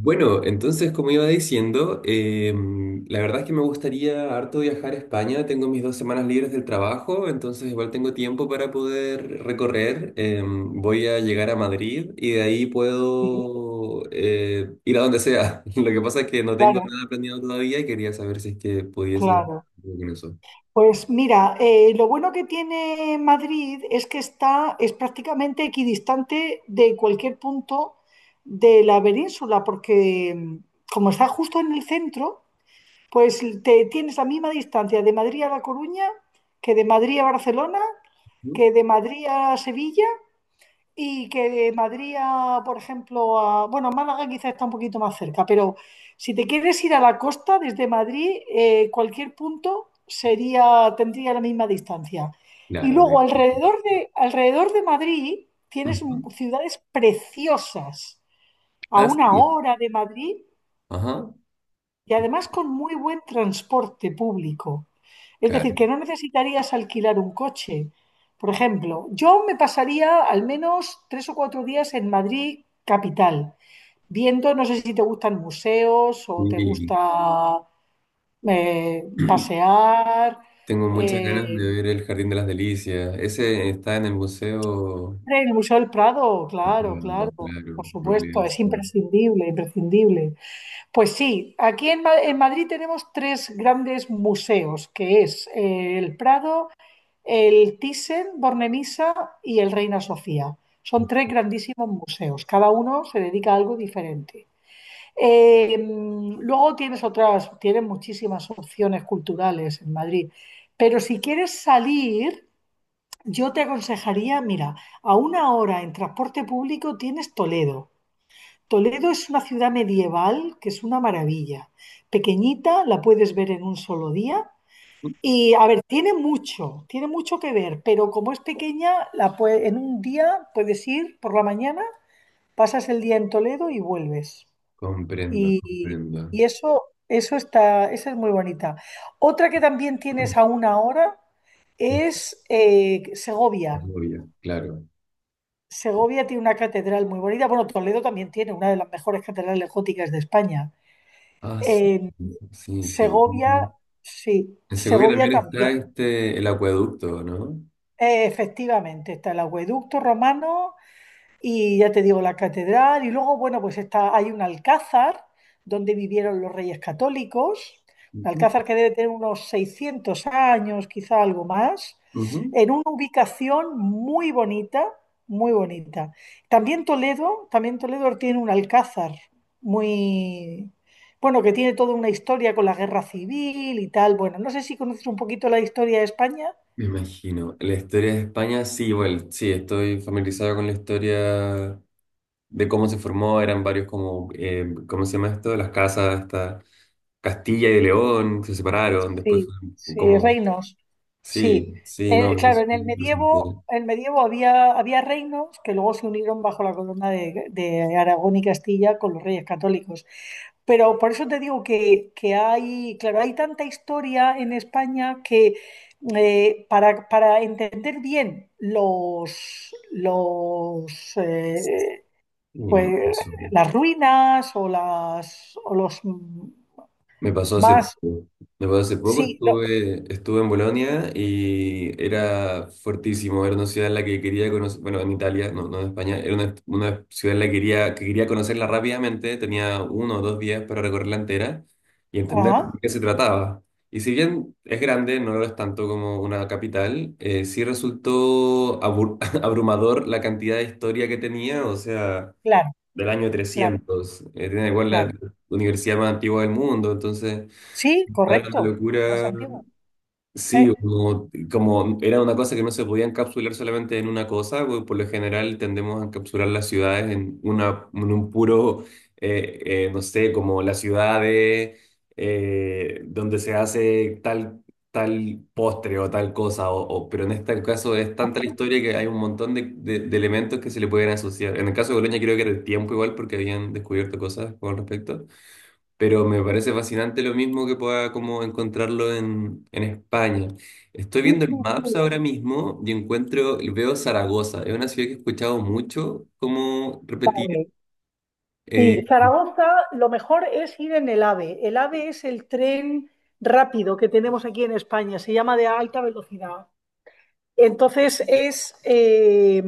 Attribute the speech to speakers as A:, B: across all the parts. A: Bueno, entonces, como iba diciendo, la verdad es que me gustaría harto viajar a España. Tengo mis 2 semanas libres del trabajo, entonces igual tengo tiempo para poder recorrer. Voy a llegar a Madrid y de ahí
B: Sí,
A: puedo ir a donde sea. Lo que pasa es que no tengo
B: claro,
A: nada planeado todavía y quería saber si es que pudiese hacer
B: claro.
A: algo con eso.
B: Pues mira, lo bueno que tiene Madrid es es prácticamente equidistante de cualquier punto de la península, porque como está justo en el centro, pues te tienes la misma distancia de Madrid a La Coruña, que de Madrid a Barcelona,
A: Ujú.
B: que de Madrid a Sevilla y que de Madrid a, por ejemplo, a... Bueno, Málaga quizás está un poquito más cerca, pero si te quieres ir a la costa desde Madrid, cualquier tendría la misma distancia. Y
A: Claro.
B: luego alrededor de Madrid tienes
A: Ujú.
B: ciudades preciosas. A
A: Ah,
B: una
A: sí.
B: hora de Madrid
A: Ajá.
B: y además con muy buen transporte público. Es decir, que
A: Claro.
B: no necesitarías alquilar un coche. Por ejemplo, yo me pasaría al menos tres o cuatro días en Madrid capital, viendo, no sé si te gustan museos o te
A: Sí.
B: gusta pasear.
A: Tengo muchas ganas
B: eh,
A: de ver el Jardín de las Delicias. Ese está en el museo.
B: el Museo del Prado, claro,
A: Claro,
B: claro, por
A: claro,
B: supuesto,
A: Royal
B: es
A: Sur.
B: imprescindible, imprescindible. Pues sí, en Madrid tenemos tres grandes museos, que es el Prado, el Thyssen, Bornemisza y el Reina Sofía. Son tres grandísimos museos, cada uno se dedica a algo diferente. Luego tienes muchísimas opciones culturales en Madrid, pero si quieres salir, yo te aconsejaría, mira, a una hora en transporte público tienes Toledo. Toledo es una ciudad medieval que es una maravilla. Pequeñita, la puedes ver en un solo día. Y a ver, tiene mucho que ver, pero como es pequeña, en un día puedes ir por la mañana, pasas el día en Toledo y vuelves.
A: Comprendo,
B: Y,
A: comprendo.
B: y eso, eso está, esa es muy bonita. Otra que también tienes a una hora
A: En
B: es Segovia.
A: Segovia, claro.
B: Segovia tiene una catedral muy bonita. Bueno, Toledo también tiene una de las mejores catedrales góticas de España.
A: Ah, sí.
B: Eh,
A: Sí, Segovia.
B: Segovia, sí,
A: En Segovia
B: Segovia
A: también está
B: también.
A: este, el acueducto, ¿no?
B: Efectivamente, está el acueducto romano y ya te digo, la catedral. Y luego, bueno, pues está, hay un alcázar donde vivieron los reyes católicos. Un
A: Ujú,
B: alcázar que debe tener unos 600 años, quizá algo más.
A: ujú.
B: En una ubicación muy bonita, muy bonita. También Toledo tiene un alcázar muy. Bueno, que tiene toda una historia con la guerra civil y tal. Bueno, no sé si conoces un poquito la historia de España.
A: Me imagino. La historia de España, sí, bueno, sí, estoy familiarizado con la historia de cómo se formó, eran varios como, ¿cómo se llama esto? Las casas, hasta Castilla y de León, se separaron, después
B: Sí,
A: fue
B: sí,
A: como,
B: reinos.
A: sí,
B: Sí.
A: sí, no,
B: Claro, en
A: es-
B: el medievo había reinos que luego se unieron bajo la corona de Aragón y Castilla con los reyes católicos. Pero por eso te digo que hay, claro, hay tanta historia en España que para entender bien los
A: sí,
B: pues,
A: eso.
B: las ruinas o las o los
A: Me pasó hace
B: más
A: poco. Me pasó hace poco,
B: sí, lo-
A: estuve en Bolonia y era fuertísimo, era una ciudad en la que quería conocer, bueno, en Italia, no, no en España, era una ciudad en la que que quería conocerla rápidamente, tenía 1 o 2 días para recorrerla entera y entender de
B: ajá,
A: qué se trataba. Y si bien es grande, no lo es tanto como una capital, sí resultó abrumador la cantidad de historia que tenía, o sea
B: claro.
A: del año
B: Claro,
A: 300. Tiene igual la
B: claro.
A: universidad más antigua del mundo, entonces,
B: Sí,
A: claro, una
B: correcto. Más
A: locura.
B: antiguo.
A: Sí,
B: Eh,
A: como, como era una cosa que no se podía encapsular solamente en una cosa, pues, por lo general tendemos a encapsular las ciudades en, una, en un puro, eh, no sé, como las ciudades donde se hace tal, tal postre o tal cosa, pero en este caso es tanta la historia que hay un montón de, de elementos que se le pueden asociar. En el caso de Bolonia creo que era el tiempo igual porque habían descubierto cosas con respecto, pero me parece fascinante lo mismo que pueda como encontrarlo en España. Estoy
B: Sí,
A: viendo el
B: sí, sí,
A: Maps ahora mismo y encuentro, veo Zaragoza, es una ciudad que he escuchado mucho como repetir.
B: vale.
A: eh,
B: Sí, Zaragoza, lo mejor es ir en el AVE. El AVE es el tren rápido que tenemos aquí en España, se llama de alta velocidad. Entonces es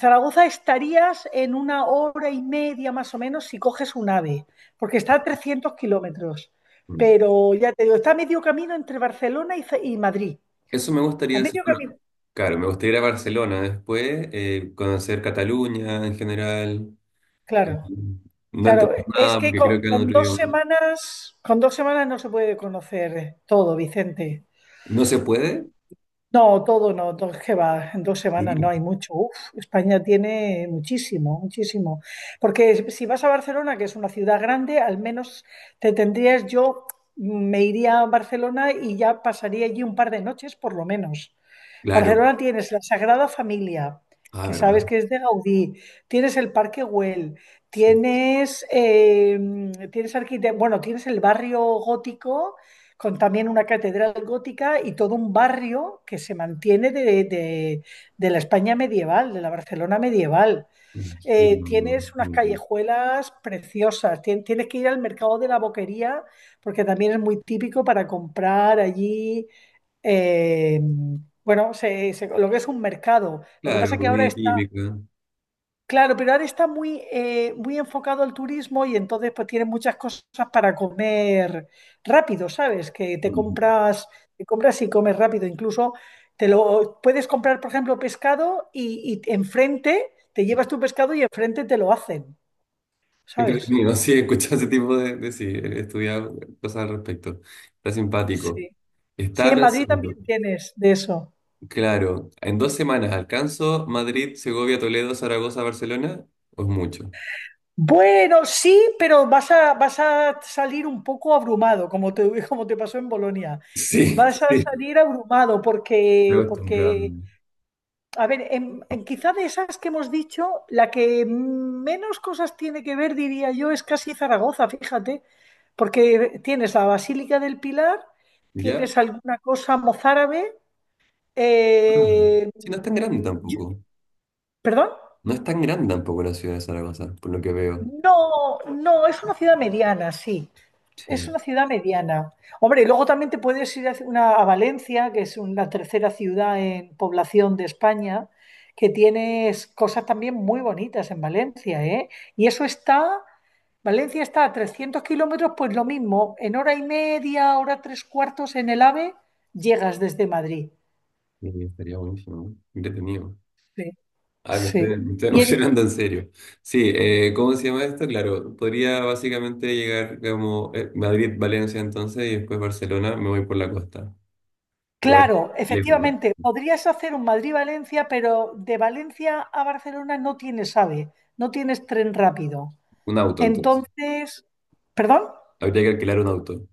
B: Zaragoza estarías en una hora y media más o menos si coges un AVE, porque está a 300 kilómetros. Pero ya te digo, está a medio camino entre Barcelona y Madrid.
A: eso me
B: A
A: gustaría hacer.
B: medio camino,
A: Bueno, claro, me gustaría ir a Barcelona después, conocer Cataluña en general, eh,
B: claro.
A: no
B: Claro,
A: entender
B: es
A: nada
B: que
A: porque creo que es otro
B: dos
A: idioma.
B: semanas, con dos semanas no se puede conocer todo, Vicente.
A: ¿No se puede?
B: No, todo no, todo es que va, en dos semanas no
A: Sí,
B: hay mucho. Uf, España tiene muchísimo, muchísimo. Porque si vas a Barcelona, que es una ciudad grande, al menos te tendrías, yo me iría a Barcelona y ya pasaría allí un par de noches por lo menos.
A: claro.
B: Barcelona tienes la Sagrada Familia,
A: Ah,
B: que
A: ¿verdad?
B: sabes que es de Gaudí, tienes el Parque Güell,
A: Sí.
B: tienes, eh, tienes bueno, tienes el barrio gótico con también una catedral gótica y todo un barrio que se mantiene de la España medieval, de la Barcelona medieval,
A: Me imagino, me
B: tienes unas
A: imagino.
B: callejuelas preciosas, tienes que ir al mercado de la Boquería porque también es muy típico para comprar allí, eh, lo que es un mercado. Lo que pasa
A: Claro,
B: es que ahora
A: comida
B: está.
A: típica.
B: Claro, pero ahora está muy, muy enfocado al turismo y entonces pues tiene muchas cosas para comer rápido, ¿sabes? Que
A: Qué
B: te compras y comes rápido. Incluso te lo puedes comprar, por ejemplo, pescado y enfrente te llevas tu pescado y enfrente te lo hacen, ¿sabes?
A: Entretenido, sí, escuchar ese tipo de, sí, he estudiado cosas al respecto. Está simpático.
B: Sí. Sí,
A: Estaba
B: en Madrid
A: pensando,
B: también tienes de eso.
A: claro, en 2 semanas alcanzo Madrid, Segovia, Toledo, Zaragoza, Barcelona, o es mucho.
B: Bueno, sí, pero vas a salir un poco abrumado, como te, como te pasó en Bolonia.
A: Sí,
B: Vas a
A: sí.
B: salir abrumado
A: Me acostumbrado.
B: porque a ver, en quizá de esas que hemos dicho, la que menos cosas tiene que ver, diría yo, es casi Zaragoza, fíjate, porque tienes la Basílica del Pilar,
A: ¿Ya?
B: tienes alguna cosa mozárabe,
A: Ah,
B: eh,
A: sí, no es tan grande
B: yo-
A: tampoco.
B: ¿perdón?
A: No es tan grande tampoco la ciudad de Zaragoza, por lo que veo.
B: No, no, es una ciudad mediana, sí. Es
A: Sí,
B: una ciudad mediana. Hombre, y luego también te puedes ir a Valencia, que es la tercera ciudad en población de España, que tienes cosas también muy bonitas en Valencia, ¿eh? Y eso está, Valencia está a 300 kilómetros, pues lo mismo, en hora y media, hora tres cuartos en el AVE, llegas desde Madrid.
A: sí, estaría buenísimo, ¿no? Entretenido.
B: Sí,
A: Ay, me
B: sí.
A: estoy, me estoy
B: Y en,
A: emocionando en serio. Sí, ¿cómo se llama esto? Claro, podría básicamente llegar como Madrid, Valencia entonces y después Barcelona, me voy por la costa. Pero vale,
B: claro,
A: lejos, ¿eh?
B: efectivamente, podrías hacer un Madrid-Valencia, pero de Valencia a Barcelona no tienes AVE, no tienes tren rápido.
A: Un auto entonces.
B: Entonces, ¿perdón?
A: Habría que alquilar un auto.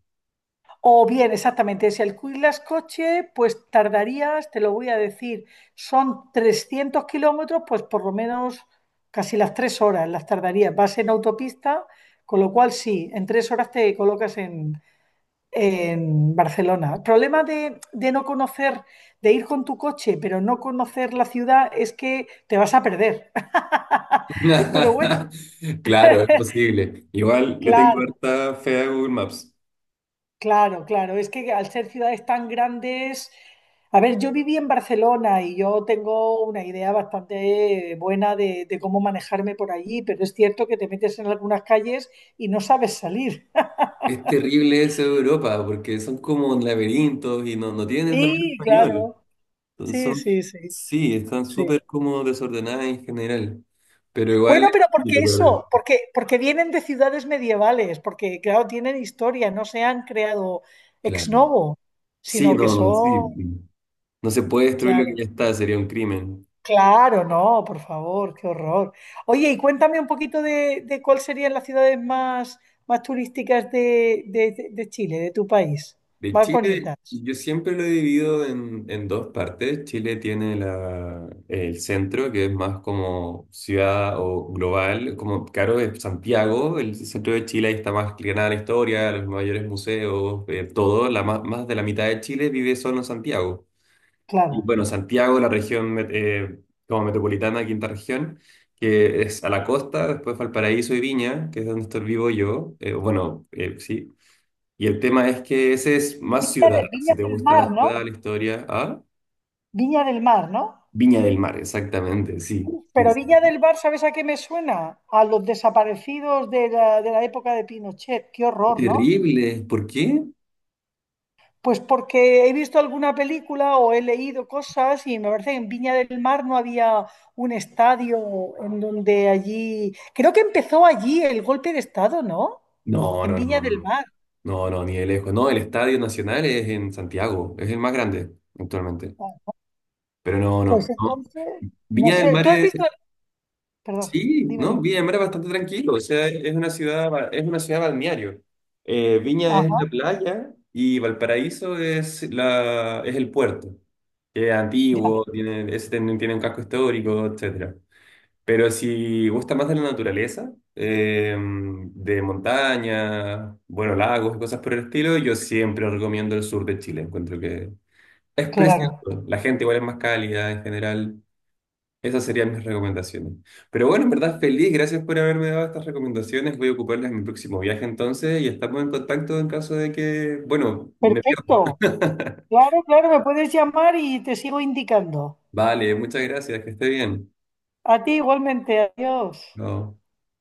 B: O bien, exactamente, si alquilas coche, pues tardarías, te lo voy a decir, son 300 kilómetros, pues por lo menos casi las tres horas las tardarías. Vas en autopista, con lo cual sí, en tres horas te colocas en Barcelona. El problema de no conocer, de ir con tu coche, pero no conocer la ciudad, es que te vas a perder. Pero bueno,
A: Claro, es posible. Igual le tengo
B: claro.
A: harta fe a Google Maps.
B: Claro, claro, es que al ser ciudades tan grandes, a ver, yo viví en Barcelona y yo tengo una idea bastante buena de cómo manejarme por allí, pero es cierto que te metes en algunas calles y no sabes salir.
A: Es terrible eso de Europa, porque son como laberintos y no, no tienen también
B: Sí,
A: español.
B: claro,
A: Entonces
B: sí,
A: son,
B: sí, sí,
A: sí, están
B: sí.
A: súper como desordenadas en general, pero igual
B: Bueno,
A: es
B: pero porque
A: útil para ver.
B: eso, porque vienen de ciudades medievales, porque claro, tienen historia, no se han creado ex
A: Claro.
B: novo,
A: Sí,
B: sino que
A: no, no,
B: son,
A: sí. No se puede destruir lo que
B: claro.
A: ya está, sería un crimen.
B: Claro, no, por favor, qué horror. Oye, y cuéntame un poquito de cuáles serían las ciudades más, más turísticas de Chile, de tu país,
A: De
B: más
A: Chile,
B: bonitas.
A: yo siempre lo he dividido en dos partes. Chile tiene el centro, que es más como ciudad o global, como, claro, es Santiago, el centro de Chile, ahí está más que la historia, los mayores museos, todo, más de la mitad de Chile vive solo en Santiago. Y
B: Claro.
A: bueno, Santiago, la región como metropolitana, quinta región, que es a la costa, después Valparaíso y Viña, que es donde estoy vivo yo, bueno, sí. Y el tema es que ese es más ciudad, si
B: Viña
A: te
B: del
A: gusta la
B: Mar, ¿no?
A: ciudad, la historia, ¿ah?
B: Viña del Mar, ¿no?
A: Viña del Mar, exactamente, sí, sí,
B: Pero
A: sí.
B: Viña del Mar, ¿sabes a qué me suena? A los desaparecidos de la época de Pinochet. Qué horror, ¿no?
A: Terrible, ¿por qué?
B: Pues porque he visto alguna película o he leído cosas y me parece que en Viña del Mar no había un estadio en donde allí... Creo que empezó allí el golpe de estado, ¿no?
A: No,
B: En
A: no, no,
B: Viña
A: no,
B: del
A: no,
B: Mar.
A: no, no, ni de lejos. No, el Estadio Nacional es en Santiago, es el más grande actualmente,
B: Ah,
A: pero no,
B: pues
A: no, no.
B: entonces, no
A: Viña del
B: sé,
A: Mar.
B: ¿tú has visto? Perdón,
A: Sí,
B: dime,
A: no,
B: dime.
A: Viña del Mar es bastante tranquilo, o sea, es una ciudad, es una ciudad balneario. Viña es
B: Ajá,
A: la playa y Valparaíso es, la, es el puerto, que es
B: ya,
A: antiguo, tiene, es- tiene tiene un casco histórico, etcétera. Pero si gusta más de la naturaleza, de montaña, bueno, lagos y cosas por el estilo, yo siempre recomiendo el sur de Chile, encuentro que es precioso.
B: claro.
A: La gente igual es más cálida en general. Esas serían mis recomendaciones. Pero bueno, en verdad feliz, gracias por haberme dado estas recomendaciones. Voy a ocuparlas en mi próximo viaje entonces y estamos en contacto en caso de que, bueno, me
B: Perfecto.
A: pierda.
B: Claro, claro, me puedes llamar y te sigo indicando.
A: Vale, muchas gracias, que esté bien.
B: A ti igualmente, adiós.
A: Chao.